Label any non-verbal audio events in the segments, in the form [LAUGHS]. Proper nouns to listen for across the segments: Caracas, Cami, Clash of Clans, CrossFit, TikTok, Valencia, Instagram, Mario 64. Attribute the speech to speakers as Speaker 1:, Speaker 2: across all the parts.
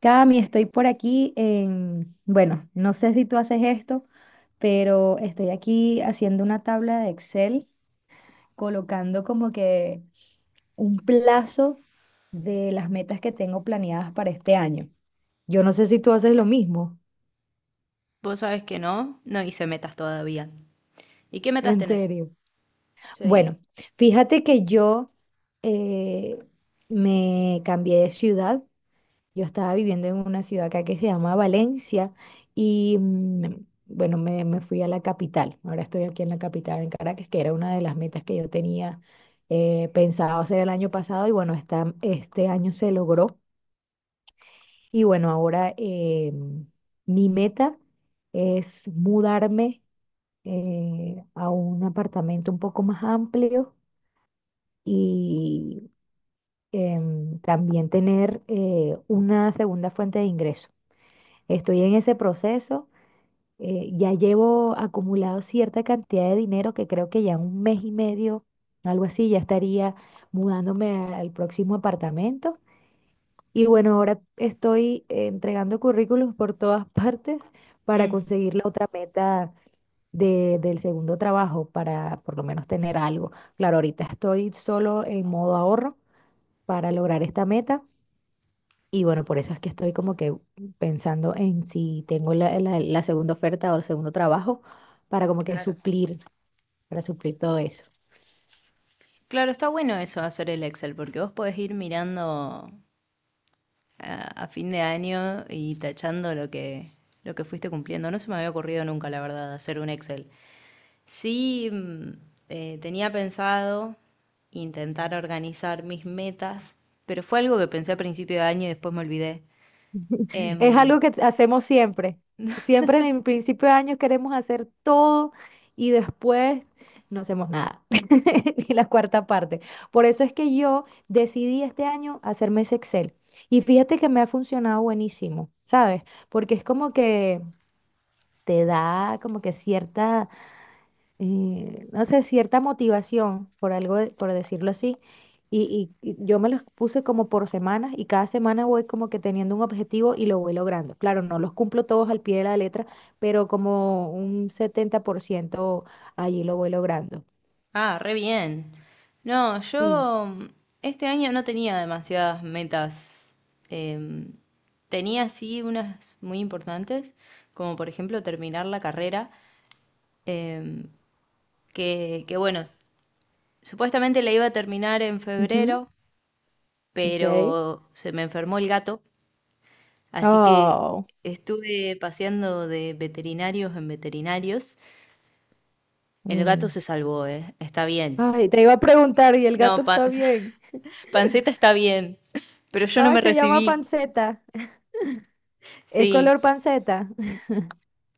Speaker 1: Cami, estoy por aquí en, bueno, no sé si tú haces esto, pero estoy aquí haciendo una tabla de Excel, colocando como que un plazo de las metas que tengo planeadas para este año. Yo no sé si tú haces lo mismo,
Speaker 2: Vos sabés que no hice metas todavía. ¿Y qué metas
Speaker 1: en
Speaker 2: tenés?
Speaker 1: serio.
Speaker 2: Sí.
Speaker 1: Bueno, fíjate que yo eh, me cambié de ciudad. Yo estaba viviendo en una ciudad acá que se llama Valencia y bueno, me fui a la capital. Ahora estoy aquí en la capital, en Caracas, que era una de las metas que yo tenía pensado hacer el año pasado y bueno, este año se logró. Y bueno, ahora mi meta es mudarme a un apartamento un poco más amplio y también tener una segunda fuente de ingreso. Estoy en ese proceso. Ya llevo acumulado cierta cantidad de dinero que creo que ya un mes y medio, algo así, ya estaría mudándome al próximo apartamento. Y bueno, ahora estoy entregando currículos por todas [LAUGHS] partes para
Speaker 2: Mm,
Speaker 1: conseguir la otra meta del segundo trabajo, para por lo menos tener algo. Claro, ahorita estoy solo en modo ahorro para lograr esta meta y bueno, por eso es que estoy como que pensando en si tengo la segunda oferta o el segundo trabajo para como que
Speaker 2: claro.
Speaker 1: suplir, para suplir todo eso.
Speaker 2: Claro, está bueno eso de hacer el Excel, porque vos podés ir mirando a fin de año y tachando lo que fuiste cumpliendo. No se me había ocurrido nunca, la verdad, hacer un Excel. Sí, tenía pensado intentar organizar mis metas, pero fue algo que pensé a principio de año y después me olvidé.
Speaker 1: Es
Speaker 2: Em,
Speaker 1: algo que hacemos siempre. Siempre en el principio de año queremos hacer todo y después no hacemos nada, [LAUGHS] ni la cuarta parte. Por eso es que yo decidí este año hacerme ese Excel. Y fíjate que me ha funcionado buenísimo, ¿sabes? Porque es como que te da como que cierta no sé, cierta motivación, por algo, por decirlo así. Y yo me los puse como por semanas y cada semana voy como que teniendo un objetivo y lo voy logrando. Claro, no los cumplo todos al pie de la letra, pero como un 70% allí lo voy logrando.
Speaker 2: Ah, re bien. No,
Speaker 1: Sí.
Speaker 2: yo este año no tenía demasiadas metas. Em, tenía sí unas muy importantes, como por ejemplo terminar la carrera, em, que bueno, supuestamente la iba a terminar en
Speaker 1: Ujú.
Speaker 2: febrero, pero
Speaker 1: Ok.
Speaker 2: se me enfermó el gato, así que
Speaker 1: Oh.
Speaker 2: estuve paseando de veterinarios en veterinarios. El gato
Speaker 1: Mm.
Speaker 2: se salvó, está bien.
Speaker 1: Ay, te iba a preguntar, ¿y el
Speaker 2: No,
Speaker 1: gato
Speaker 2: pa-
Speaker 1: está
Speaker 2: [LAUGHS]
Speaker 1: bien?
Speaker 2: Panceta está bien, [LAUGHS] pero yo no
Speaker 1: Ay,
Speaker 2: me
Speaker 1: se llama
Speaker 2: recibí.
Speaker 1: panceta. ¿Es
Speaker 2: Sí,
Speaker 1: color panceta? [LAUGHS]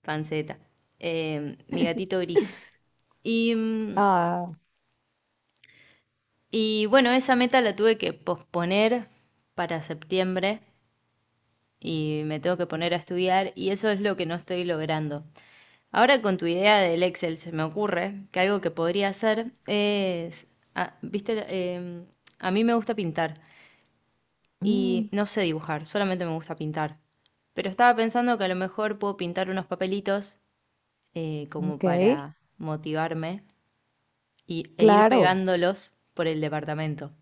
Speaker 2: panceta. Mi gatito gris. Y, mm,
Speaker 1: Ah,
Speaker 2: y bueno, esa meta la tuve que posponer para septiembre y me tengo que poner a estudiar y eso es lo que no estoy logrando. Ahora con tu idea del Excel se me ocurre que algo que podría hacer es, ah, viste, a mí me gusta pintar
Speaker 1: mm,
Speaker 2: y no sé dibujar, solamente me gusta pintar. Pero estaba pensando que a lo mejor puedo pintar unos papelitos como
Speaker 1: ok,
Speaker 2: para motivarme e ir
Speaker 1: claro.
Speaker 2: pegándolos por el departamento.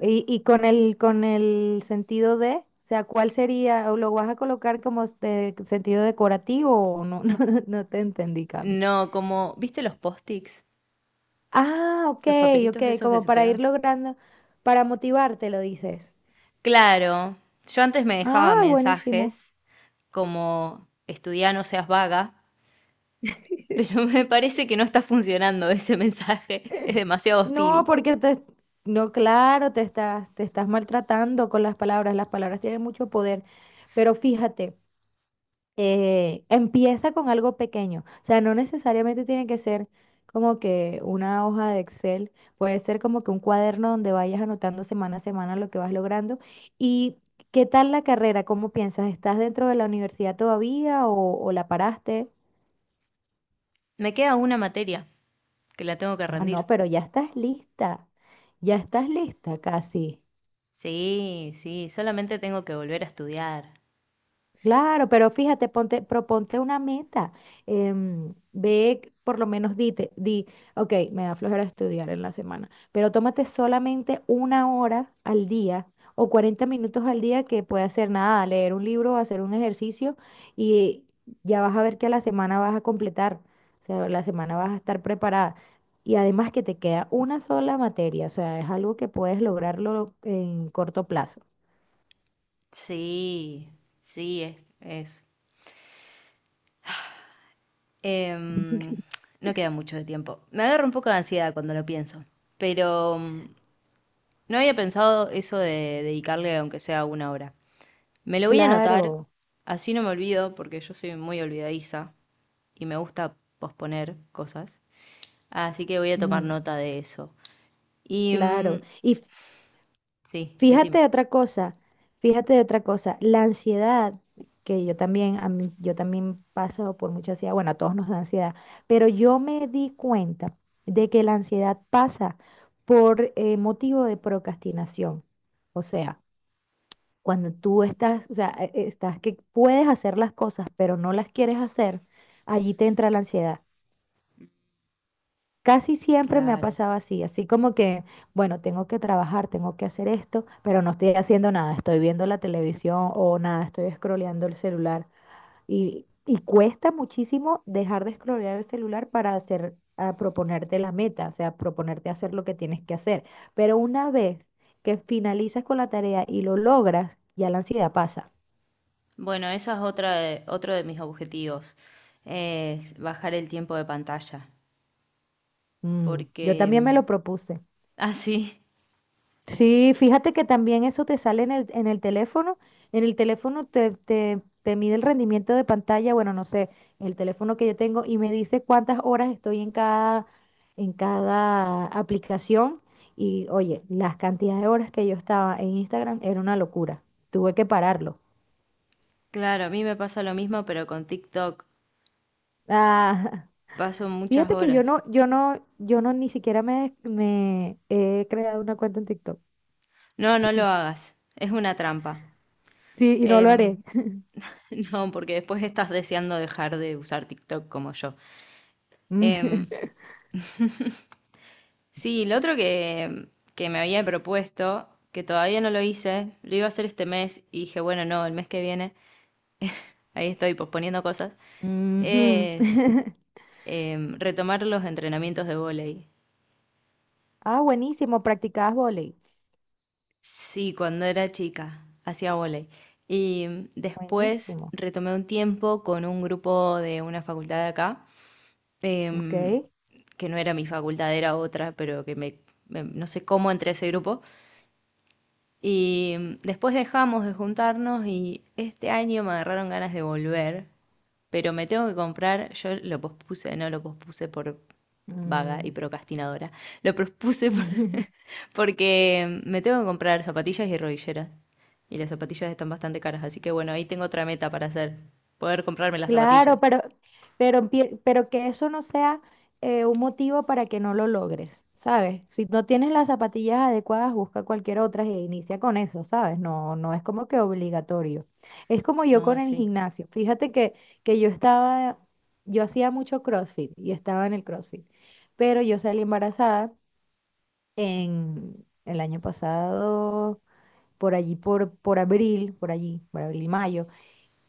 Speaker 1: Y con el sentido de, o sea, ¿cuál sería? ¿O lo vas a colocar como este sentido decorativo o no? [LAUGHS] No, no te entendí, Cami.
Speaker 2: No, como, ¿viste los post-its?
Speaker 1: Ah, ok,
Speaker 2: Los
Speaker 1: ok,
Speaker 2: papelitos esos que
Speaker 1: como
Speaker 2: se
Speaker 1: para ir
Speaker 2: pegan.
Speaker 1: logrando, para motivarte, lo dices.
Speaker 2: Claro, yo antes me dejaba
Speaker 1: Ay, buenísimo.
Speaker 2: mensajes como estudiá, no seas vaga,
Speaker 1: [LAUGHS]
Speaker 2: pero [LAUGHS] me parece que no está funcionando ese mensaje, [LAUGHS] es demasiado
Speaker 1: No,
Speaker 2: hostil.
Speaker 1: no, claro, te estás maltratando con las palabras. Las palabras tienen mucho poder. Pero fíjate. Empieza con algo pequeño. O sea, no necesariamente tiene que ser como que una hoja de Excel, puede ser como que un cuaderno donde vayas anotando semana a semana lo que vas logrando. ¿Y qué tal la carrera? ¿Cómo piensas? ¿Estás dentro de la universidad todavía o la paraste?
Speaker 2: Me queda una materia que la tengo que
Speaker 1: Ah,
Speaker 2: rendir.
Speaker 1: no, pero ya estás lista. Ya estás lista casi.
Speaker 2: Sí, solamente tengo que volver a estudiar.
Speaker 1: Claro, pero fíjate, ponte, proponte una meta. Ve, por lo menos dite, di, ok, me da flojera estudiar en la semana, pero tómate solamente una hora al día o 40 minutos al día que puede hacer nada, leer un libro, hacer un ejercicio y ya vas a ver que a la semana vas a completar, o sea, la semana vas a estar preparada. Y además que te queda una sola materia, o sea, es algo que puedes lograrlo en corto plazo.
Speaker 2: Sí, sí, es Em, no queda mucho de tiempo. Me agarra un poco de ansiedad cuando lo pienso, pero no había pensado eso de dedicarle aunque sea una hora. Me lo voy a anotar,
Speaker 1: Claro.
Speaker 2: así no me olvido, porque yo soy muy olvidadiza y me gusta posponer cosas. Así que voy a tomar
Speaker 1: Mm.
Speaker 2: nota de eso. Y
Speaker 1: Claro.
Speaker 2: mm,
Speaker 1: Y
Speaker 2: sí,
Speaker 1: fíjate
Speaker 2: decime.
Speaker 1: de otra cosa, fíjate de otra cosa, la ansiedad, que yo también, yo también paso por mucha ansiedad, bueno, a todos nos da ansiedad, pero yo me di cuenta de que la ansiedad pasa por motivo de procrastinación. O sea, cuando tú estás, o sea, estás que puedes hacer las cosas, pero no las quieres hacer, allí te entra la ansiedad. Casi siempre me ha
Speaker 2: Claro.
Speaker 1: pasado así, así como que, bueno, tengo que trabajar, tengo que hacer esto, pero no estoy haciendo nada, estoy viendo la televisión o nada, estoy scrolleando el celular. Y cuesta muchísimo dejar de scrollear el celular para hacer, a proponerte la meta, o sea, proponerte hacer lo que tienes que hacer. Pero una vez que finalizas con la tarea y lo logras, ya la ansiedad pasa.
Speaker 2: Bueno, esa es otro de mis objetivos, es bajar el tiempo de pantalla,
Speaker 1: Mm, yo
Speaker 2: porque
Speaker 1: también me lo propuse.
Speaker 2: [LAUGHS] así
Speaker 1: Sí, fíjate que también eso te sale en el teléfono. En el teléfono te mide el rendimiento de pantalla, bueno, no sé, el teléfono que yo tengo y me dice cuántas horas estoy en cada aplicación. Y oye, las cantidades de horas que yo estaba en Instagram era una locura. Tuve que pararlo.
Speaker 2: Claro, a mí me pasa lo mismo, pero con TikTok.
Speaker 1: Ah,
Speaker 2: Paso
Speaker 1: [LAUGHS]
Speaker 2: muchas
Speaker 1: fíjate que
Speaker 2: horas.
Speaker 1: yo no ni siquiera me he creado una cuenta en TikTok.
Speaker 2: No, no lo hagas. Es una trampa.
Speaker 1: Sí, y no lo haré.
Speaker 2: Em, [LAUGHS] no, porque después estás deseando dejar de usar TikTok como yo. Em,
Speaker 1: [LAUGHS]
Speaker 2: sí, que me había propuesto, que todavía no lo hice, lo iba a hacer este mes y dije, bueno, no, el mes que viene, ahí estoy posponiendo cosas,
Speaker 1: Ujú.
Speaker 2: es
Speaker 1: [LAUGHS]
Speaker 2: retomar los entrenamientos de vóley.
Speaker 1: Ah, buenísimo, practicabas vóley.
Speaker 2: Sí, cuando era chica, hacía vóley. Después
Speaker 1: Buenísimo.
Speaker 2: retomé un tiempo con un grupo de una facultad de acá,
Speaker 1: Ok.
Speaker 2: em, que no era mi facultad, era otra, pero no sé cómo entré a ese grupo. Después dejamos de juntarnos y este año me agarraron ganas de volver, pero me tengo que comprar, yo lo pospuse, no lo pospuse por vaga y
Speaker 1: Mm.
Speaker 2: procrastinadora, lo pospuse por-
Speaker 1: [LAUGHS]
Speaker 2: [LAUGHS] porque me tengo que comprar zapatillas y rodilleras. Y las zapatillas están bastante caras, así que bueno, ahí tengo otra meta para hacer, poder comprarme las
Speaker 1: Claro,
Speaker 2: zapatillas.
Speaker 1: pero que eso no sea un motivo para que no lo logres, ¿sabes? Si no tienes las zapatillas adecuadas, busca cualquier otra e inicia con eso, ¿sabes? No, no es como que obligatorio. Es como yo con
Speaker 2: No,
Speaker 1: el
Speaker 2: sí.
Speaker 1: gimnasio. Fíjate que yo estaba, yo hacía mucho CrossFit y estaba en el CrossFit, pero yo salí embarazada en el año pasado por allí, por abril, por allí, por abril, mayo,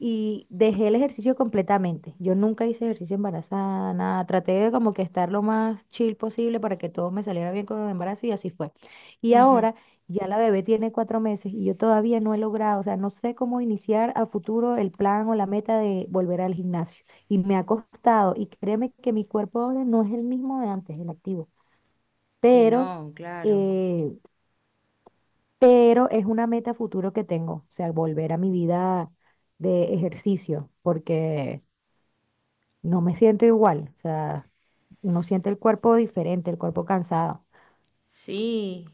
Speaker 1: y dejé el ejercicio completamente. Yo nunca hice ejercicio embarazada, nada. Traté de como que estar lo más chill posible para que todo me saliera bien con el embarazo y así fue. Y
Speaker 2: Ujú.
Speaker 1: ahora ya la bebé tiene 4 meses y yo todavía no he logrado, o sea, no sé cómo iniciar a futuro el plan o la meta de volver al gimnasio. Y me ha costado, y créeme que mi cuerpo ahora no es el mismo de antes, el activo,
Speaker 2: Y
Speaker 1: pero...
Speaker 2: no, claro.
Speaker 1: eh, pero es una meta futuro que tengo, o sea, volver a mi vida de ejercicio, porque no me siento igual, o sea, uno siente el cuerpo diferente, el cuerpo cansado.
Speaker 2: Sí.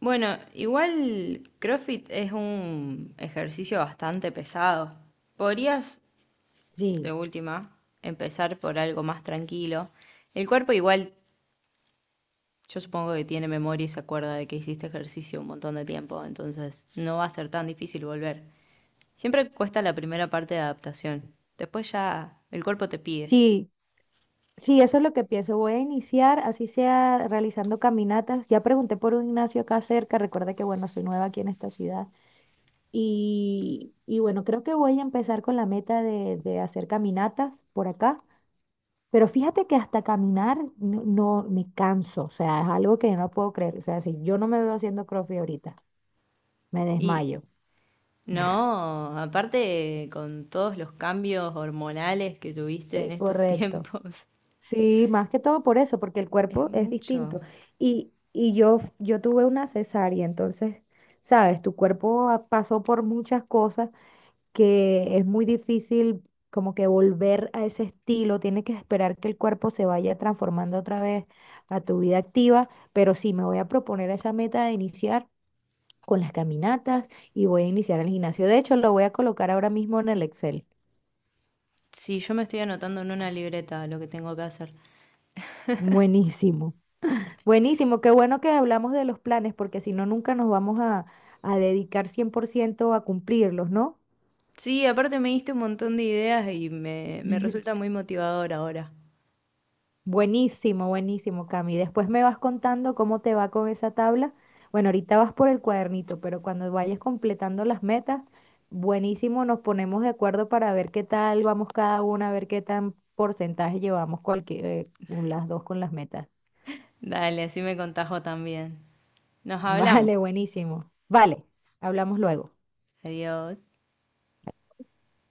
Speaker 2: Bueno, igual CrossFit es un ejercicio bastante pesado. Podrías, de
Speaker 1: Sí,
Speaker 2: última, empezar por algo más tranquilo. El cuerpo igual, yo supongo que tiene memoria y se acuerda de que hiciste ejercicio un montón de tiempo, entonces no va a ser tan difícil volver. Siempre cuesta la primera parte de adaptación. Después ya el cuerpo te pide.
Speaker 1: sí, sí, eso es lo que pienso. Voy a iniciar, así sea, realizando caminatas. Ya pregunté por un gimnasio acá cerca, recuerda que, bueno, soy nueva aquí en esta ciudad. Y bueno, creo que voy a empezar con la meta de hacer caminatas por acá. Pero fíjate que hasta caminar me canso, o sea, es algo que yo no puedo creer. O sea, si yo no me veo haciendo CrossFit ahorita, me
Speaker 2: Y
Speaker 1: desmayo.
Speaker 2: no, aparte con todos los cambios hormonales que tuviste en estos [LAUGHS]
Speaker 1: Correcto.
Speaker 2: tiempos.
Speaker 1: Sí, más que todo por eso, porque el
Speaker 2: Es
Speaker 1: cuerpo es
Speaker 2: mucho.
Speaker 1: distinto. Yo tuve una cesárea, entonces, sabes, tu cuerpo pasó por muchas cosas que es muy difícil como que volver a ese estilo, tienes que esperar que el cuerpo se vaya transformando otra vez a tu vida activa, pero sí, me voy a proponer esa meta de iniciar. Con las caminatas y voy a iniciar el gimnasio. De hecho, lo voy a colocar ahora mismo en el Excel.
Speaker 2: Sí, yo me estoy anotando en una libreta lo que tengo que hacer.
Speaker 1: Buenísimo, buenísimo. Qué bueno que hablamos de los planes, porque si no, nunca nos vamos a dedicar 100% a cumplirlos, ¿no?
Speaker 2: Sí, aparte me diste un montón de ideas me resulta
Speaker 1: [LAUGHS]
Speaker 2: muy motivador ahora.
Speaker 1: Buenísimo, buenísimo, Cami. Después me vas contando cómo te va con esa tabla. Bueno, ahorita vas por el cuadernito, pero cuando vayas completando las metas, buenísimo, nos ponemos de acuerdo para ver qué tal vamos cada una, a ver qué tan porcentaje llevamos cualquier, las dos con las metas.
Speaker 2: Dale, así me contajo también.
Speaker 1: [LAUGHS]
Speaker 2: Nos
Speaker 1: Vale,
Speaker 2: hablamos.
Speaker 1: buenísimo. Vale, hablamos luego.
Speaker 2: Adiós.